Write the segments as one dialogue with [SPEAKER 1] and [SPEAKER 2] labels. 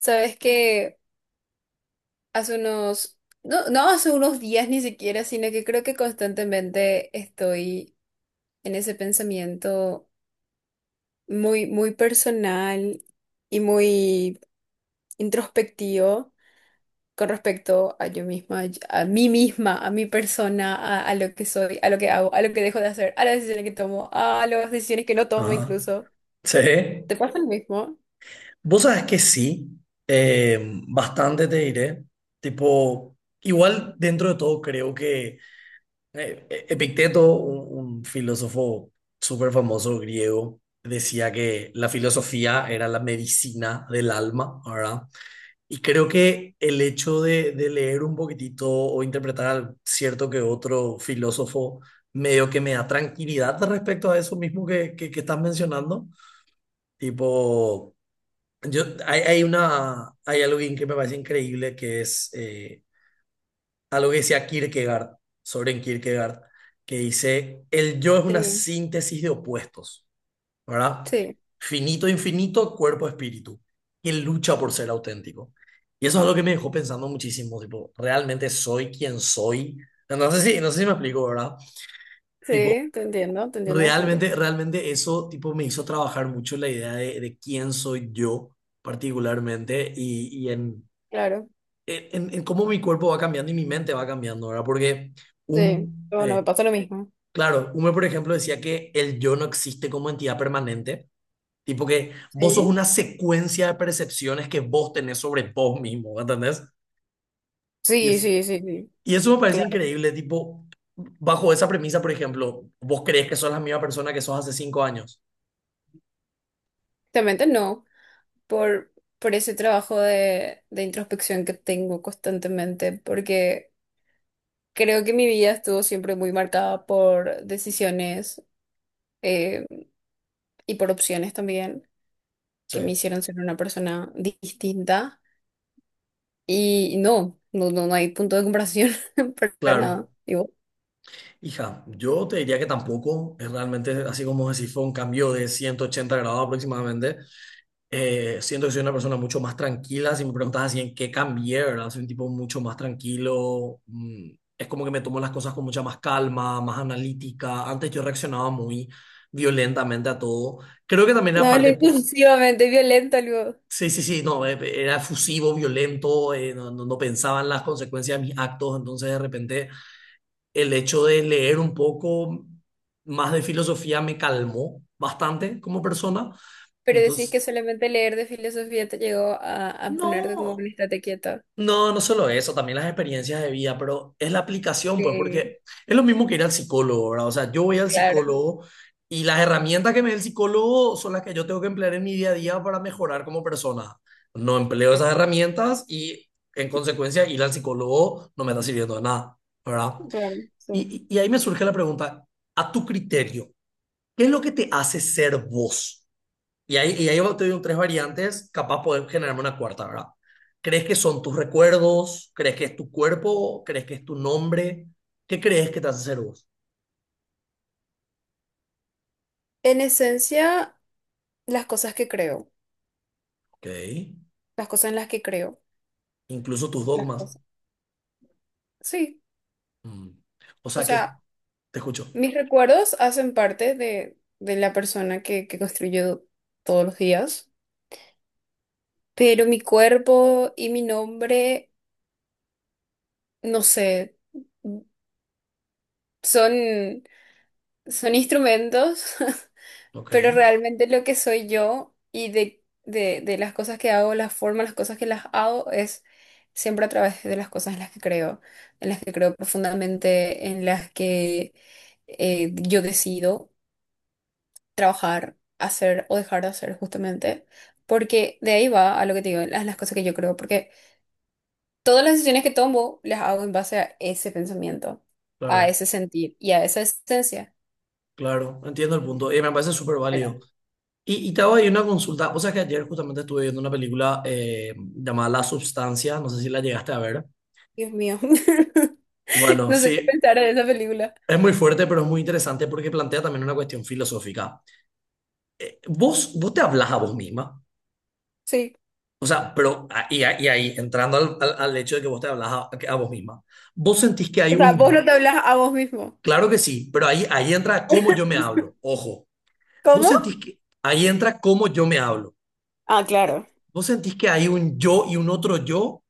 [SPEAKER 1] Sabes que hace unos, no, no hace unos días ni siquiera, sino que creo que constantemente estoy en ese pensamiento muy personal y muy introspectivo con respecto a yo misma, a mí misma, a mi persona, a lo que soy, a lo que hago, a lo que dejo de hacer, a las decisiones que tomo, a las decisiones que no tomo
[SPEAKER 2] Ajá.
[SPEAKER 1] incluso.
[SPEAKER 2] Sí.
[SPEAKER 1] ¿Te pasa lo mismo?
[SPEAKER 2] Vos sabés que sí, eh, bastante te diré. Tipo, igual dentro de todo creo que Epicteto, un filósofo súper famoso griego, decía que la filosofía era la medicina del alma, ¿verdad? Y creo que el hecho de leer un poquitito o interpretar al cierto que otro filósofo medio que me da tranquilidad respecto a eso mismo que estás mencionando, tipo... hay algo que me parece increíble que es algo que decía Kierkegaard, Soren Kierkegaard, que dice, el yo es una
[SPEAKER 1] Sí,
[SPEAKER 2] síntesis de opuestos, ¿verdad?
[SPEAKER 1] sí,
[SPEAKER 2] Finito, infinito, cuerpo, espíritu, que lucha por ser auténtico. Y eso es algo que me dejó pensando muchísimo, tipo, ¿realmente soy quien soy? No sé si me explico, ¿verdad? Tipo,
[SPEAKER 1] sí, te entiendo, te entiendo bastante.
[SPEAKER 2] realmente eso, tipo, me hizo trabajar mucho la idea de quién soy yo particularmente y en
[SPEAKER 1] Claro.
[SPEAKER 2] en cómo mi cuerpo va cambiando y mi mente va cambiando, ¿verdad? Porque
[SPEAKER 1] Sí,
[SPEAKER 2] un,
[SPEAKER 1] bueno, me
[SPEAKER 2] eh,
[SPEAKER 1] pasa lo mismo.
[SPEAKER 2] claro, Hume, por ejemplo, decía que el yo no existe como entidad permanente, tipo que vos sos
[SPEAKER 1] Sí,
[SPEAKER 2] una secuencia de percepciones que vos tenés sobre vos mismo, ¿entendés? Y,
[SPEAKER 1] sí,
[SPEAKER 2] es,
[SPEAKER 1] sí, sí, sí.
[SPEAKER 2] y eso me parece increíble, tipo, bajo esa premisa, por ejemplo, vos crees que sos la misma persona que sos hace 5 años.
[SPEAKER 1] Claramente no, por, por ese trabajo de introspección que tengo constantemente, porque creo que mi vida estuvo siempre muy marcada por decisiones eh, y por opciones también
[SPEAKER 2] Sí,
[SPEAKER 1] que me hicieron ser una persona distinta. Y no, hay punto de comparación para
[SPEAKER 2] claro.
[SPEAKER 1] nada. Digo,
[SPEAKER 2] Hija, yo te diría que tampoco, es realmente así como decir, fue un cambio de 180 grados aproximadamente. Siento que soy una persona mucho más tranquila. Si me preguntas así en qué cambié, ¿verdad? Soy un tipo mucho más tranquilo. Es como que me tomo las cosas con mucha más calma, más analítica. Antes yo reaccionaba muy violentamente a todo. Creo que también era
[SPEAKER 1] no, él es
[SPEAKER 2] parte...
[SPEAKER 1] exclusivamente violento, digo.
[SPEAKER 2] Sí, sí, sí, no, era efusivo, violento, no pensaba en las consecuencias de mis actos. Entonces, de repente, el hecho de leer un poco más de filosofía me calmó bastante como persona.
[SPEAKER 1] Pero decís que
[SPEAKER 2] Entonces,
[SPEAKER 1] solamente leer de filosofía te llegó a ponerte como
[SPEAKER 2] no.
[SPEAKER 1] un estate quieto.
[SPEAKER 2] No, no solo eso, también las experiencias de vida, pero es la aplicación, pues,
[SPEAKER 1] Sí,
[SPEAKER 2] porque es lo mismo que ir al psicólogo, ¿verdad? O sea, yo voy al
[SPEAKER 1] claro.
[SPEAKER 2] psicólogo y las herramientas que me da el psicólogo son las que yo tengo que emplear en mi día a día para mejorar como persona. No empleo
[SPEAKER 1] Eh,
[SPEAKER 2] esas herramientas y, en consecuencia, ir al psicólogo no me está sirviendo de nada, ¿verdad?
[SPEAKER 1] Claro, sí.
[SPEAKER 2] Y ahí me surge la pregunta, a tu criterio, ¿qué es lo que te hace ser vos? Y ahí te digo tres variantes, capaz podés generarme una cuarta, ¿verdad? ¿Crees que son tus recuerdos? ¿Crees que es tu cuerpo? ¿Crees que es tu nombre? ¿Qué crees que te hace ser vos?
[SPEAKER 1] En esencia, las cosas que creo,
[SPEAKER 2] Ok.
[SPEAKER 1] las cosas en las que creo,
[SPEAKER 2] Incluso tus
[SPEAKER 1] las
[SPEAKER 2] dogmas.
[SPEAKER 1] cosas. Sí,
[SPEAKER 2] Mm. O
[SPEAKER 1] o
[SPEAKER 2] sea que
[SPEAKER 1] sea,
[SPEAKER 2] te escucho.
[SPEAKER 1] mis recuerdos hacen parte de la persona que construyo todos los días, pero mi cuerpo y mi nombre, no sé, son, son instrumentos.
[SPEAKER 2] Ok.
[SPEAKER 1] Pero realmente lo que soy yo y de las cosas que hago, las formas, las cosas que las hago, es siempre a través de las cosas en las que creo, en las que creo profundamente, en las que yo decido trabajar, hacer o dejar de hacer justamente, porque de ahí va a lo que te digo, las cosas que yo creo, porque todas las decisiones que tomo las hago en base a ese pensamiento, a
[SPEAKER 2] Claro,
[SPEAKER 1] ese sentir y a esa esencia.
[SPEAKER 2] claro. Entiendo el punto. Y me parece súper
[SPEAKER 1] Pero
[SPEAKER 2] válido. Y te hago ahí una consulta. O sea que ayer justamente estuve viendo una película llamada La Substancia. No sé si la llegaste a ver.
[SPEAKER 1] Dios mío,
[SPEAKER 2] Bueno,
[SPEAKER 1] no sé qué
[SPEAKER 2] sí.
[SPEAKER 1] pensar en esa película.
[SPEAKER 2] Es muy fuerte, pero es muy interesante porque plantea también una cuestión filosófica. Vos te hablas a vos misma,
[SPEAKER 1] Sí.
[SPEAKER 2] o sea, pero y ahí, entrando al hecho de que vos te hablas a vos misma, vos sentís que hay
[SPEAKER 1] O sea, vos no
[SPEAKER 2] un,
[SPEAKER 1] te hablas a vos mismo.
[SPEAKER 2] claro que sí, pero ahí, ahí entra cómo yo me hablo, ojo, vos
[SPEAKER 1] ¿Cómo?
[SPEAKER 2] sentís que, ahí entra cómo yo me hablo,
[SPEAKER 1] Ah, claro.
[SPEAKER 2] vos sentís que hay un yo y un otro yo,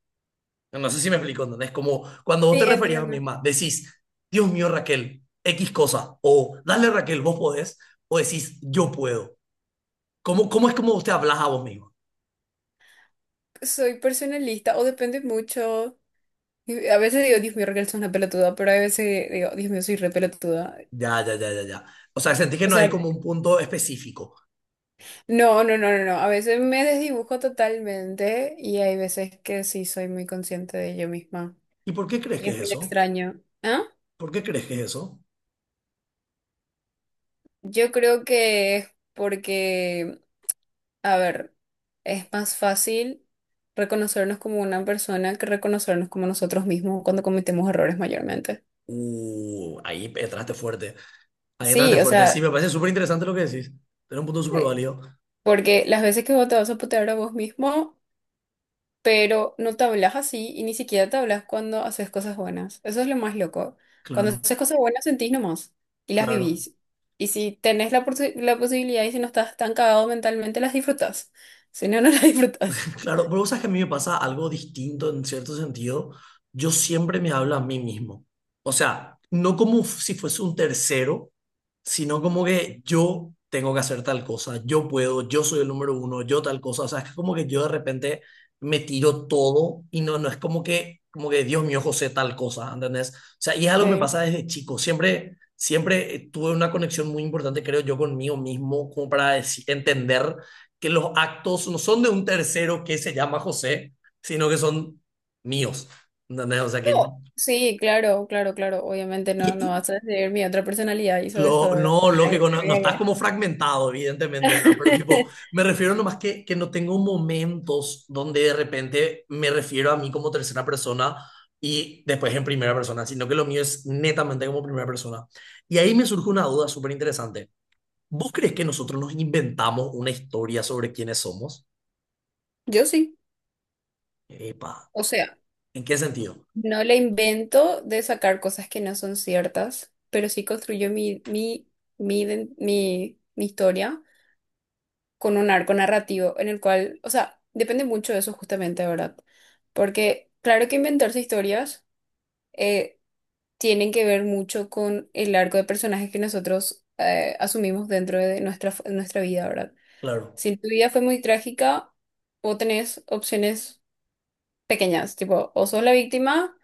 [SPEAKER 2] no sé si me explico, ¿entendés? Como cuando vos
[SPEAKER 1] Sí,
[SPEAKER 2] te referías a vos
[SPEAKER 1] entiendo.
[SPEAKER 2] misma, decís, Dios mío, Raquel, X cosa, o dale Raquel, vos podés, o decís, yo puedo. ¿Cómo es como vos te hablas a vos misma?
[SPEAKER 1] Soy personalista o depende mucho. Y a veces digo, Dios mío, Raquel, sos una pelotuda, pero a veces digo, Dios mío, soy re pelotuda.
[SPEAKER 2] Ya, ya, ya, ya, ya. O sea, sentí que
[SPEAKER 1] O
[SPEAKER 2] no hay
[SPEAKER 1] sea,
[SPEAKER 2] como un punto específico.
[SPEAKER 1] no. A veces me desdibujo totalmente y hay veces que sí soy muy consciente de yo misma.
[SPEAKER 2] ¿Y por qué crees
[SPEAKER 1] Y
[SPEAKER 2] que es
[SPEAKER 1] es muy
[SPEAKER 2] eso?
[SPEAKER 1] extraño. ¿Ah?
[SPEAKER 2] ¿Por qué crees que es eso?
[SPEAKER 1] Yo creo que es porque, a ver, es más fácil reconocernos como una persona que reconocernos como nosotros mismos cuando cometemos errores mayormente.
[SPEAKER 2] Ahí entraste fuerte. Ahí entraste
[SPEAKER 1] Sí, o
[SPEAKER 2] fuerte. Sí,
[SPEAKER 1] sea,
[SPEAKER 2] me parece súper interesante lo que decís. Era un punto súper
[SPEAKER 1] eh,
[SPEAKER 2] válido.
[SPEAKER 1] porque las veces que vos te vas a putear a vos mismo, pero no te hablas así y ni siquiera te hablas cuando haces cosas buenas. Eso es lo más loco. Cuando
[SPEAKER 2] Claro,
[SPEAKER 1] haces cosas buenas sentís nomás y las
[SPEAKER 2] claro.
[SPEAKER 1] vivís. Y si tenés la, posi- la posibilidad y si no estás tan cagado mentalmente, las disfrutas. Si no, no las disfrutas.
[SPEAKER 2] Claro, pero vos sabes que a mí me pasa algo distinto en cierto sentido. Yo siempre me hablo a mí mismo. O sea, no como si fuese un tercero, sino como que yo tengo que hacer tal cosa, yo puedo, yo soy el número uno, yo tal cosa. O sea, es como que yo de repente me tiro todo y no es como que Dios mío, José, tal cosa, ¿entendés? O sea, y es algo que me
[SPEAKER 1] Sí.
[SPEAKER 2] pasa desde chico. Siempre tuve una conexión muy importante, creo yo, conmigo mismo, como para entender que los actos no son de un tercero que se llama José, sino que son míos. ¿Entendés? O sea que...
[SPEAKER 1] No, sí, claro, claro, claro. Obviamente
[SPEAKER 2] y-
[SPEAKER 1] no, no
[SPEAKER 2] y
[SPEAKER 1] vas a decir mi otra personalidad hizo eso, ¿verdad? Ay,
[SPEAKER 2] lógico, no estás
[SPEAKER 1] ay,
[SPEAKER 2] como fragmentado, evidentemente, ¿verdad? Pero tipo,
[SPEAKER 1] ay.
[SPEAKER 2] me refiero nomás que no tengo momentos donde de repente me refiero a mí como tercera persona y después en primera persona, sino que lo mío es netamente como primera persona. Y ahí me surge una duda súper interesante. ¿Vos crees que nosotros nos inventamos una historia sobre quiénes somos?
[SPEAKER 1] Yo sí.
[SPEAKER 2] Epa,
[SPEAKER 1] O sea,
[SPEAKER 2] ¿en qué sentido?
[SPEAKER 1] no le invento de sacar cosas que no son ciertas, pero sí construyo mi iden- mi historia con un arco narrativo en el cual, o sea, depende mucho de eso justamente, ¿verdad? Porque claro que inventarse historias eh, tienen que ver mucho con el arco de personajes que nosotros asumimos dentro de nuestra vida, ¿verdad?
[SPEAKER 2] Claro.
[SPEAKER 1] Si tu vida fue muy trágica, vos tenés opciones pequeñas, tipo, o sos la víctima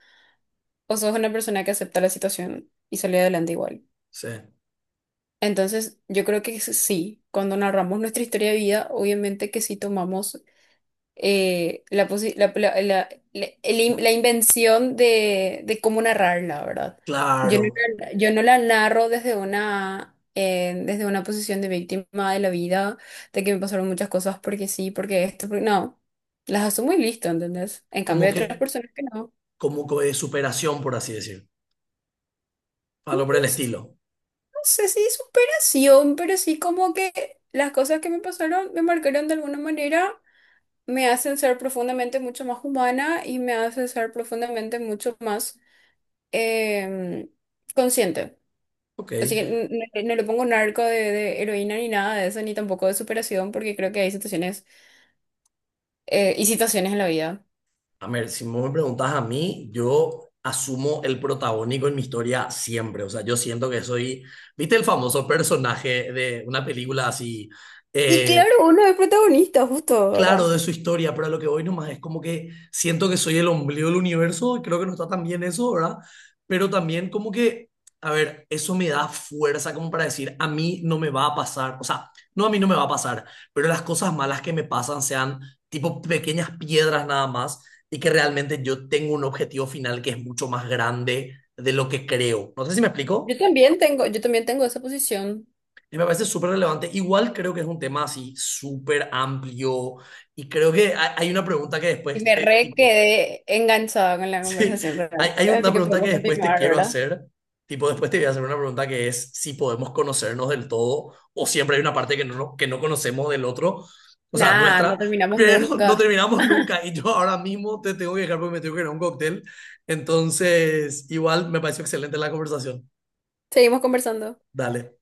[SPEAKER 1] o sos una persona que acepta la situación y sale adelante igual.
[SPEAKER 2] Sí,
[SPEAKER 1] Entonces, yo creo que s- sí, cuando narramos nuestra historia de vida, obviamente que sí tomamos la, posi- el in- la invención de cómo narrarla, ¿verdad? Yo no,
[SPEAKER 2] claro,
[SPEAKER 1] la- yo no la narro desde una posición de víctima de la vida, de que me pasaron muchas cosas porque sí, porque esto, porque no. Las asumo y listo, ¿entendés? En cambio,
[SPEAKER 2] como
[SPEAKER 1] hay otras
[SPEAKER 2] que,
[SPEAKER 1] personas que no.
[SPEAKER 2] como que de superación, por así decir,
[SPEAKER 1] No
[SPEAKER 2] algo por el
[SPEAKER 1] sé,
[SPEAKER 2] estilo.
[SPEAKER 1] no sé si superación, pero sí como que las cosas que me pasaron me marcaron de alguna manera, me hacen ser profundamente mucho más humana y me hacen ser profundamente mucho más em, consciente.
[SPEAKER 2] Ok,
[SPEAKER 1] Así que n- no, no le pongo narco de heroína ni nada de eso, ni tampoco de superación, porque creo que hay situaciones y situaciones en la vida.
[SPEAKER 2] a ver, si vos me preguntas a mí, yo asumo el protagónico en mi historia siempre, o sea, yo siento que soy, ¿viste el famoso personaje de una película así?
[SPEAKER 1] Y
[SPEAKER 2] eh,
[SPEAKER 1] claro, uno es protagonista, justo
[SPEAKER 2] claro
[SPEAKER 1] ahora.
[SPEAKER 2] de su historia, pero a lo que voy nomás es como que siento que soy el ombligo del universo, y creo que no está tan bien eso, ¿verdad? Pero también como que, a ver, eso me da fuerza como para decir, a mí no me va a pasar, o sea, no a mí no me va a pasar, pero las cosas malas que me pasan sean tipo pequeñas piedras nada más y que realmente yo tengo un objetivo final que es mucho más grande de lo que creo. No sé si me explico.
[SPEAKER 1] Yo también tengo esa posición.
[SPEAKER 2] Y me parece súper relevante. Igual creo que es un tema así súper amplio y creo que hay una pregunta que
[SPEAKER 1] Y
[SPEAKER 2] después,
[SPEAKER 1] me re
[SPEAKER 2] tipo,
[SPEAKER 1] quedé enganchada con la
[SPEAKER 2] sí,
[SPEAKER 1] conversación realmente.
[SPEAKER 2] hay una
[SPEAKER 1] Así que
[SPEAKER 2] pregunta que
[SPEAKER 1] podemos
[SPEAKER 2] después te
[SPEAKER 1] continuar,
[SPEAKER 2] quiero
[SPEAKER 1] ¿verdad?
[SPEAKER 2] hacer, tipo, después te voy a hacer una pregunta que es si podemos conocernos del todo o siempre hay una parte que no conocemos del otro, o sea,
[SPEAKER 1] Nada, no
[SPEAKER 2] nuestra,
[SPEAKER 1] terminamos
[SPEAKER 2] pero no
[SPEAKER 1] nunca.
[SPEAKER 2] terminamos nunca y yo ahora mismo te tengo que dejar porque me tengo que ir a un cóctel. Entonces, igual me pareció excelente la conversación.
[SPEAKER 1] Seguimos conversando.
[SPEAKER 2] Dale.